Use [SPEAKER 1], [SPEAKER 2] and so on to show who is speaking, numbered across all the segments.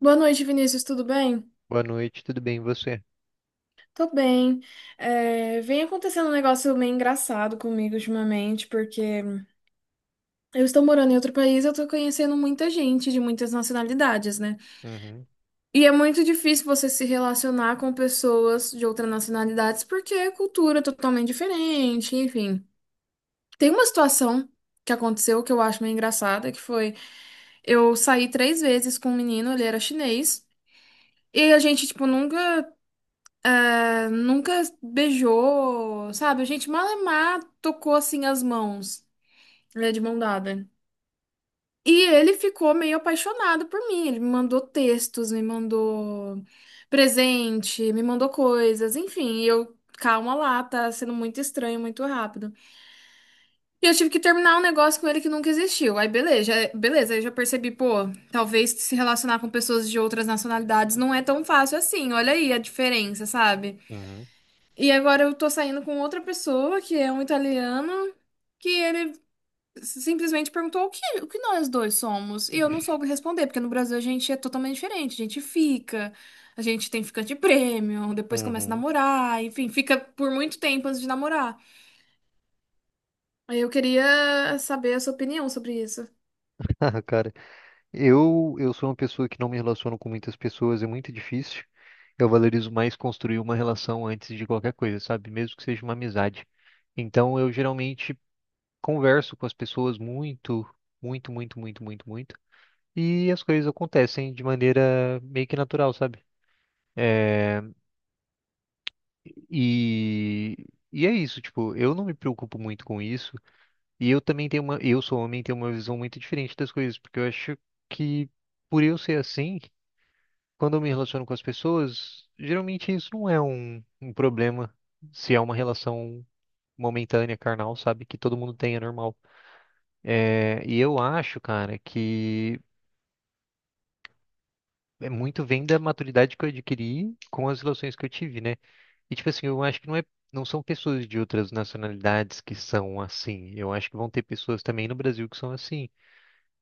[SPEAKER 1] Boa noite, Vinícius, tudo bem?
[SPEAKER 2] Boa noite, tudo bem, e você?
[SPEAKER 1] Tô bem. Vem acontecendo um negócio meio engraçado comigo ultimamente, porque eu estou morando em outro país, eu tô conhecendo muita gente de muitas nacionalidades, né?
[SPEAKER 2] Uhum,
[SPEAKER 1] E é muito difícil você se relacionar com pessoas de outras nacionalidades, porque a cultura é totalmente diferente, enfim. Tem uma situação que aconteceu que eu acho meio engraçada, que foi eu saí 3 vezes com um menino, ele era chinês, e a gente, tipo, nunca. Nunca beijou, sabe? A gente malemar tocou assim as mãos, né, de mão dada. E ele ficou meio apaixonado por mim. Ele me mandou textos, me mandou presente, me mandou coisas, enfim. E eu, calma lá, tá sendo muito estranho, muito rápido. E eu tive que terminar um negócio com ele que nunca existiu. Aí beleza, beleza, aí eu já percebi, pô, talvez se relacionar com pessoas de outras nacionalidades não é tão fácil assim. Olha aí a diferença, sabe?
[SPEAKER 2] uhum,
[SPEAKER 1] E agora eu tô saindo com outra pessoa, que é um italiano, que ele simplesmente perguntou o que nós dois somos. E eu não soube responder, porque no Brasil a gente é totalmente diferente. A gente fica, a gente tem ficante prêmio, depois começa a
[SPEAKER 2] uhum.
[SPEAKER 1] namorar, enfim, fica por muito tempo antes de namorar. Aí eu queria saber a sua opinião sobre isso.
[SPEAKER 2] Ah, cara, eu sou uma pessoa que não me relaciono com muitas pessoas, é muito difícil. Eu valorizo mais construir uma relação antes de qualquer coisa, sabe? Mesmo que seja uma amizade. Então, eu geralmente converso com as pessoas muito, muito, muito, muito, muito, muito. E as coisas acontecem de maneira meio que natural, sabe? E, e é isso, tipo, eu não me preocupo muito com isso. E eu também tenho uma, eu sou homem e tenho uma visão muito diferente das coisas, porque eu acho que por eu ser assim, quando eu me relaciono com as pessoas, geralmente isso não é um problema, se é uma relação momentânea, carnal, sabe, que todo mundo tem, é normal. É, e eu acho, cara, que é muito vem da maturidade que eu adquiri com as relações que eu tive, né? E tipo assim, eu acho que não é. Não são pessoas de outras nacionalidades que são assim. Eu acho que vão ter pessoas também no Brasil que são assim.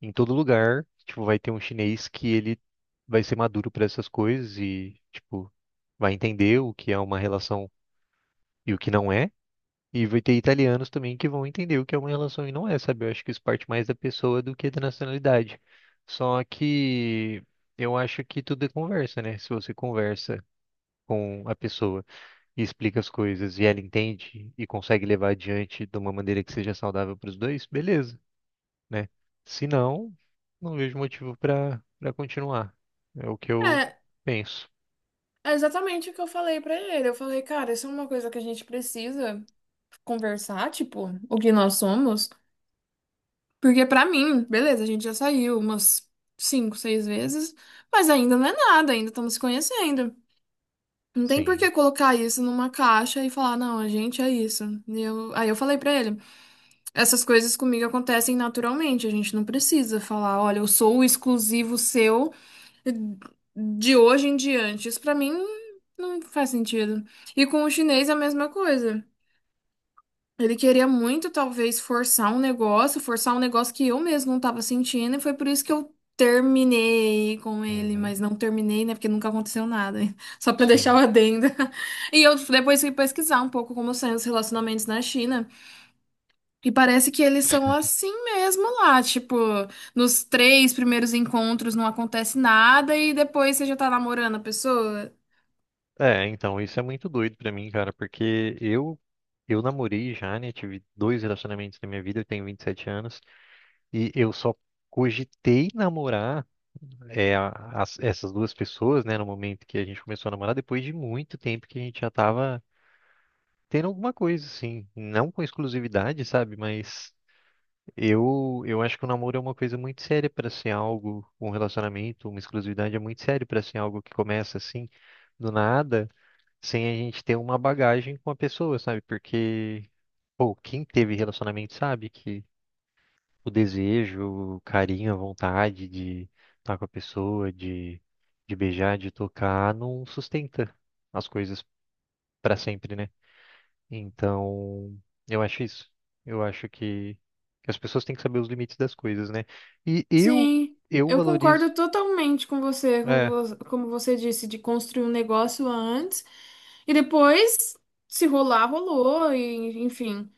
[SPEAKER 2] Em todo lugar, tipo, vai ter um chinês que ele vai ser maduro para essas coisas e, tipo, vai entender o que é uma relação e o que não é. E vai ter italianos também que vão entender o que é uma relação e não é, sabe? Eu acho que isso parte mais da pessoa do que da nacionalidade. Só que eu acho que tudo é conversa, né? Se você conversa com a pessoa e explica as coisas e ela entende e consegue levar adiante de uma maneira que seja saudável para os dois, beleza, né? Se não, não vejo motivo para continuar. É o que eu
[SPEAKER 1] É,
[SPEAKER 2] penso.
[SPEAKER 1] é exatamente o que eu falei pra ele. Eu falei, cara, isso é uma coisa que a gente precisa conversar, tipo, o que nós somos. Porque pra mim, beleza, a gente já saiu umas 5, 6 vezes, mas ainda não é nada, ainda estamos se conhecendo. Não tem por
[SPEAKER 2] Sim.
[SPEAKER 1] que colocar isso numa caixa e falar, não, a gente é isso. Aí eu falei pra ele, essas coisas comigo acontecem naturalmente, a gente não precisa falar, olha, eu sou o exclusivo seu de hoje em diante. Isso pra mim não faz sentido. E com o chinês é a mesma coisa. Ele queria muito, talvez, forçar um negócio que eu mesmo não tava sentindo, e foi por isso que eu terminei com ele,
[SPEAKER 2] Uhum,
[SPEAKER 1] mas não terminei, né? Porque nunca aconteceu nada. Hein? Só pra deixar o
[SPEAKER 2] sim.
[SPEAKER 1] adendo. E eu depois fui pesquisar um pouco como são os relacionamentos na China. E parece que eles são assim mesmo lá. Tipo, nos três primeiros encontros não acontece nada, e depois você já tá namorando a pessoa.
[SPEAKER 2] É, então, isso é muito doido pra mim, cara, porque eu namorei já, né? Tive dois relacionamentos na minha vida, eu tenho 27 anos, e eu só cogitei namorar é, a- essas duas pessoas, né, no momento que a gente começou a namorar, depois de muito tempo que a gente já tava tendo alguma coisa, assim, não com exclusividade, sabe? Mas eu acho que o namoro é uma coisa muito séria para ser algo, um relacionamento, uma exclusividade é muito sério para ser algo que começa assim, do nada, sem a gente ter uma bagagem com a pessoa, sabe? Porque, pô, quem teve relacionamento sabe que o desejo, o carinho, a vontade de estar com a pessoa, de beijar, de tocar, não sustenta as coisas para sempre, né? Então, eu acho isso. Eu acho que as pessoas têm que saber os limites das coisas, né? E
[SPEAKER 1] Sim,
[SPEAKER 2] eu
[SPEAKER 1] eu concordo
[SPEAKER 2] valorizo.
[SPEAKER 1] totalmente com você, como
[SPEAKER 2] É,
[SPEAKER 1] como você disse, de construir um negócio antes e depois, se rolar, rolou, e enfim.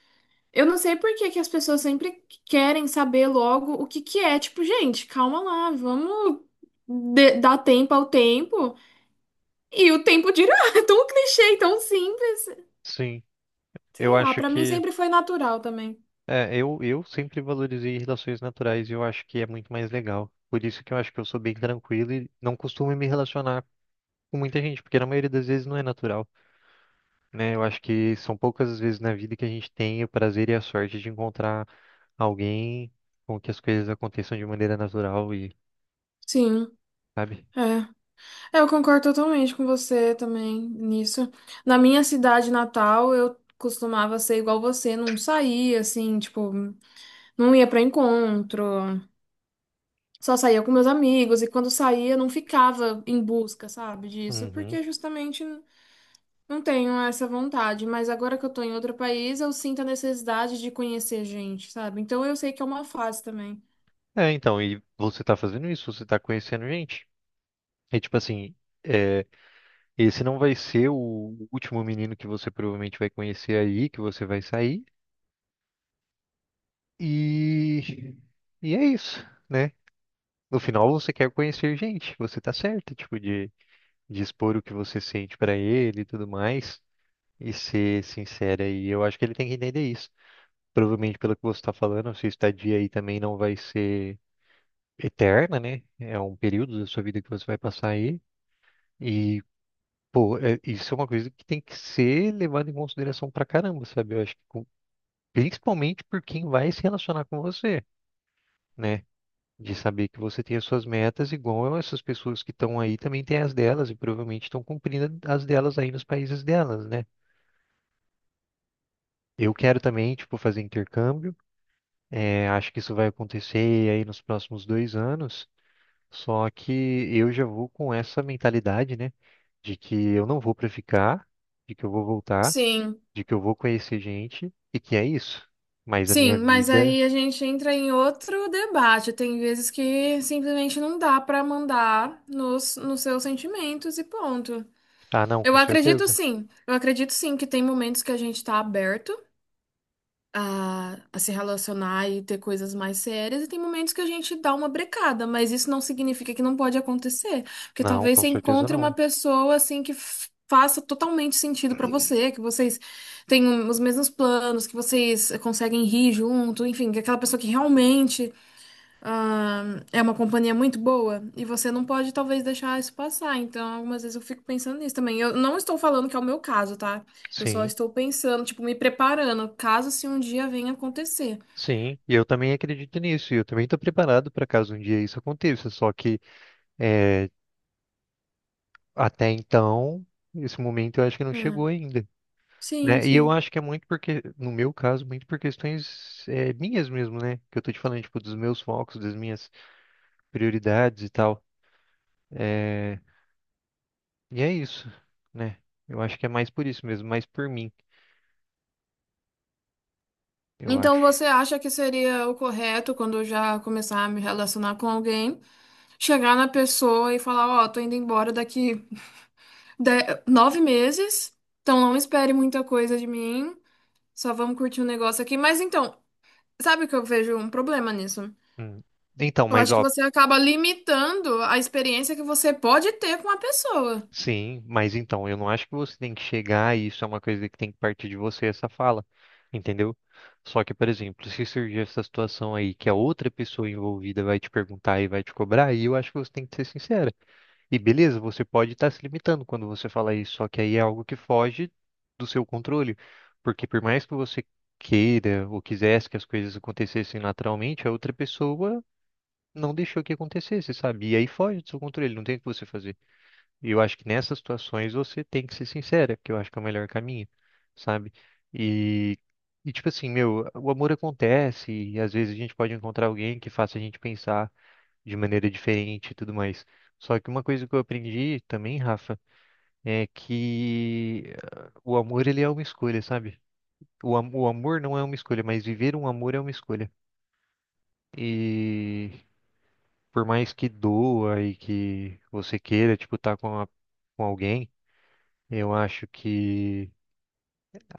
[SPEAKER 1] Eu não sei por que que as pessoas sempre querem saber logo o que que é. Tipo, gente, calma lá, vamos dar tempo ao tempo e o tempo dirá. É tão clichê, tão simples.
[SPEAKER 2] sim.
[SPEAKER 1] Sei
[SPEAKER 2] Eu
[SPEAKER 1] lá,
[SPEAKER 2] acho
[SPEAKER 1] pra mim
[SPEAKER 2] que,
[SPEAKER 1] sempre foi natural também.
[SPEAKER 2] é, eu sempre valorizei relações naturais e eu acho que é muito mais legal. Por isso que eu acho que eu sou bem tranquilo e não costumo me relacionar com muita gente, porque na maioria das vezes não é natural, né? Eu acho que são poucas as vezes na vida que a gente tem o prazer e a sorte de encontrar alguém com que as coisas aconteçam de maneira natural e,
[SPEAKER 1] Sim,
[SPEAKER 2] sabe?
[SPEAKER 1] é. É, eu concordo totalmente com você também nisso. Na minha cidade natal, eu costumava ser igual você, não saía assim, tipo, não ia pra encontro, só saía com meus amigos e quando saía não ficava em busca, sabe, disso,
[SPEAKER 2] Uhum.
[SPEAKER 1] porque justamente não tenho essa vontade, mas agora que eu tô em outro país, eu sinto a necessidade de conhecer gente, sabe? Então eu sei que é uma fase também.
[SPEAKER 2] É, então, e você tá fazendo isso, você tá conhecendo gente. É tipo assim, é, esse não vai ser o último menino que você provavelmente vai conhecer aí, que você vai sair. E, e é isso, né? No final você quer conhecer gente, você tá certo, tipo, de expor o que você sente pra ele e tudo mais, e ser sincera. E eu acho que ele tem que entender isso. Provavelmente, pelo que você tá falando, a sua estadia aí também não vai ser eterna, né? É um período da sua vida que você vai passar aí. E isso é uma coisa que tem que ser levada em consideração pra caramba, sabe? Eu acho que principalmente por quem vai se relacionar com você, né? De saber que você tem as suas metas, igual essas pessoas que estão aí também têm as delas e provavelmente estão cumprindo as delas aí nos países delas, né? Eu quero também, tipo, fazer intercâmbio. É, acho que isso vai acontecer aí nos próximos 2 anos. Só que eu já vou com essa mentalidade, né? De que eu não vou pra ficar, de que eu vou voltar.
[SPEAKER 1] Sim.
[SPEAKER 2] De que eu vou conhecer gente e que é isso. Mas a minha
[SPEAKER 1] Sim, mas
[SPEAKER 2] vida.
[SPEAKER 1] aí a gente entra em outro debate. Tem vezes que simplesmente não dá para mandar nos seus sentimentos e ponto.
[SPEAKER 2] Ah, não, com certeza.
[SPEAKER 1] Eu acredito sim que tem momentos que a gente tá aberto a se relacionar e ter coisas mais sérias, e tem momentos que a gente dá uma brecada, mas isso não significa que não pode acontecer, porque
[SPEAKER 2] Não,
[SPEAKER 1] talvez
[SPEAKER 2] com
[SPEAKER 1] você
[SPEAKER 2] certeza
[SPEAKER 1] encontre uma
[SPEAKER 2] não.
[SPEAKER 1] pessoa assim que faça totalmente sentido pra você, que vocês tenham os mesmos planos, que vocês conseguem rir junto, enfim, que é aquela pessoa que realmente ah, é uma companhia muito boa e você não pode talvez deixar isso passar. Então, algumas vezes eu fico pensando nisso também. Eu não estou falando que é o meu caso, tá? Eu só
[SPEAKER 2] Sim,
[SPEAKER 1] estou pensando, tipo, me preparando, caso se um dia venha acontecer.
[SPEAKER 2] sim. E eu também acredito nisso. E eu também estou preparado para caso um dia isso aconteça. Só que é, até então, esse momento eu acho que não
[SPEAKER 1] É.
[SPEAKER 2] chegou ainda.
[SPEAKER 1] Sim,
[SPEAKER 2] Né? E eu
[SPEAKER 1] sim.
[SPEAKER 2] acho que é muito porque, no meu caso, muito por questões é, minhas mesmo, né? Que eu tô te falando, tipo, dos meus focos, das minhas prioridades e tal. É, e é isso, né? Eu acho que é mais por isso mesmo, mais por mim. Eu
[SPEAKER 1] Então,
[SPEAKER 2] acho.
[SPEAKER 1] você acha que seria o correto quando eu já começar a me relacionar com alguém, chegar na pessoa e falar, ó, tô indo embora daqui de- 9 meses, então não espere muita coisa de mim. Só vamos curtir um negócio aqui. Mas então, sabe o que eu vejo um problema nisso?
[SPEAKER 2] Hum. Então,
[SPEAKER 1] Eu
[SPEAKER 2] mas
[SPEAKER 1] acho que
[SPEAKER 2] ó,
[SPEAKER 1] você acaba limitando a experiência que você pode ter com a pessoa.
[SPEAKER 2] sim, mas então, eu não acho que você tem que chegar e isso é uma coisa que tem que partir de você, essa fala, entendeu? Só que, por exemplo, se surgir essa situação aí que a outra pessoa envolvida vai te perguntar e vai te cobrar, aí eu acho que você tem que ser sincera. E beleza, você pode estar se limitando quando você fala isso, só que aí é algo que foge do seu controle, porque por mais que você queira ou quisesse que as coisas acontecessem naturalmente, a outra pessoa não deixou que acontecesse, sabe? E aí foge do seu controle, não tem o que você fazer. E eu acho que nessas situações você tem que ser sincera, que eu acho que é o melhor caminho, sabe? E, e tipo assim, meu, o amor acontece e às vezes a gente pode encontrar alguém que faça a gente pensar de maneira diferente e tudo mais. Só que uma coisa que eu aprendi também, Rafa, é que ah, o amor ele é uma escolha, sabe? O amor não é uma escolha, mas viver um amor é uma escolha. E por mais que doa e que você queira, tipo, estar com alguém, eu acho que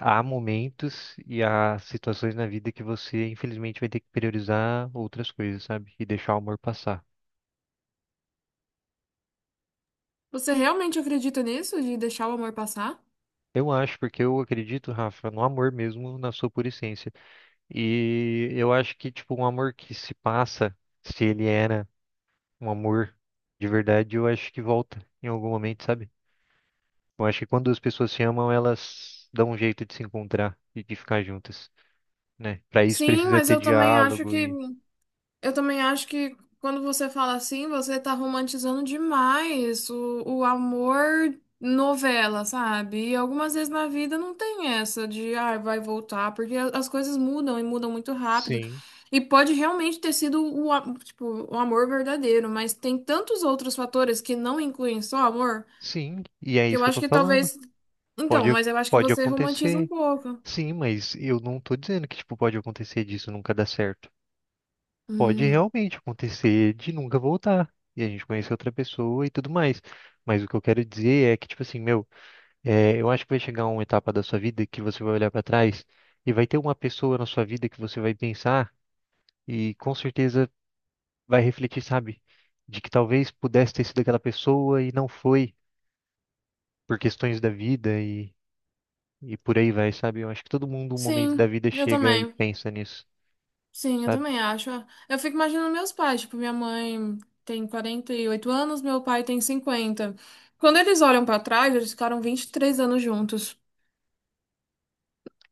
[SPEAKER 2] há momentos e há situações na vida que você, infelizmente, vai ter que priorizar outras coisas, sabe? E deixar o amor passar.
[SPEAKER 1] Você realmente acredita nisso, de deixar o amor passar?
[SPEAKER 2] Eu acho, porque eu acredito, Rafa, no amor mesmo, na sua pura essência. E eu acho que, tipo, um amor que se passa, se ele era um amor de verdade, eu acho que volta em algum momento, sabe? Eu acho que quando as pessoas se amam, elas dão um jeito de se encontrar e de ficar juntas, né? Para isso
[SPEAKER 1] Sim,
[SPEAKER 2] precisa
[SPEAKER 1] mas
[SPEAKER 2] ter
[SPEAKER 1] eu também acho
[SPEAKER 2] diálogo
[SPEAKER 1] que
[SPEAKER 2] e
[SPEAKER 1] eu também acho que quando você fala assim, você tá romantizando demais o amor novela, sabe? E algumas vezes na vida não tem essa de, ah, vai voltar, porque as coisas mudam e mudam muito rápido.
[SPEAKER 2] sim,
[SPEAKER 1] E pode realmente ter sido tipo, o amor verdadeiro, mas tem tantos outros fatores que não incluem só amor,
[SPEAKER 2] sim, e é
[SPEAKER 1] que
[SPEAKER 2] isso
[SPEAKER 1] eu
[SPEAKER 2] que eu
[SPEAKER 1] acho
[SPEAKER 2] tô
[SPEAKER 1] que
[SPEAKER 2] falando.
[SPEAKER 1] talvez. Então,
[SPEAKER 2] Pode,
[SPEAKER 1] mas eu acho que
[SPEAKER 2] pode
[SPEAKER 1] você romantiza um
[SPEAKER 2] acontecer.
[SPEAKER 1] pouco.
[SPEAKER 2] Sim, mas eu não tô dizendo que tipo pode acontecer disso nunca dar certo. Pode
[SPEAKER 1] Hum.
[SPEAKER 2] realmente acontecer de nunca voltar e a gente conhecer outra pessoa e tudo mais. Mas o que eu quero dizer é que tipo assim, meu, é, eu acho que vai chegar uma etapa da sua vida que você vai olhar para trás e vai ter uma pessoa na sua vida que você vai pensar. E com certeza vai refletir, sabe? De que talvez pudesse ter sido aquela pessoa e não foi por questões da vida e por aí vai, sabe? Eu acho que todo mundo, um momento
[SPEAKER 1] Sim,
[SPEAKER 2] da vida,
[SPEAKER 1] eu
[SPEAKER 2] chega e
[SPEAKER 1] também.
[SPEAKER 2] pensa nisso,
[SPEAKER 1] Sim, eu
[SPEAKER 2] sabe?
[SPEAKER 1] também acho. Ah, eu fico imaginando meus pais, tipo, minha mãe tem 48 anos, meu pai tem 50. Quando eles olham pra trás, eles ficaram 23 anos juntos.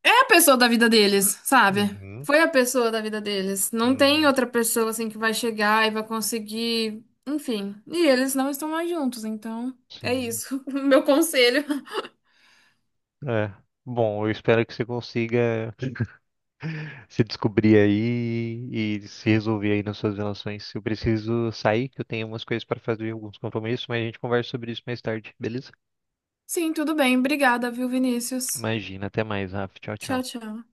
[SPEAKER 1] É a pessoa da vida deles, sabe?
[SPEAKER 2] Uhum,
[SPEAKER 1] Foi a pessoa da vida deles. Não tem
[SPEAKER 2] uhum.
[SPEAKER 1] outra pessoa assim que vai chegar e vai conseguir, enfim. E eles não estão mais juntos, então é
[SPEAKER 2] Sim.
[SPEAKER 1] isso. O meu conselho.
[SPEAKER 2] É. Bom, eu espero que você consiga se descobrir aí e se resolver aí nas suas relações. Eu preciso sair, que eu tenho umas coisas para fazer, alguns compromissos, mas a gente conversa sobre isso mais tarde, beleza?
[SPEAKER 1] Sim, tudo bem. Obrigada, viu, Vinícius?
[SPEAKER 2] Imagina, até mais, Rafa. Tchau,
[SPEAKER 1] Tchau,
[SPEAKER 2] tchau.
[SPEAKER 1] tchau.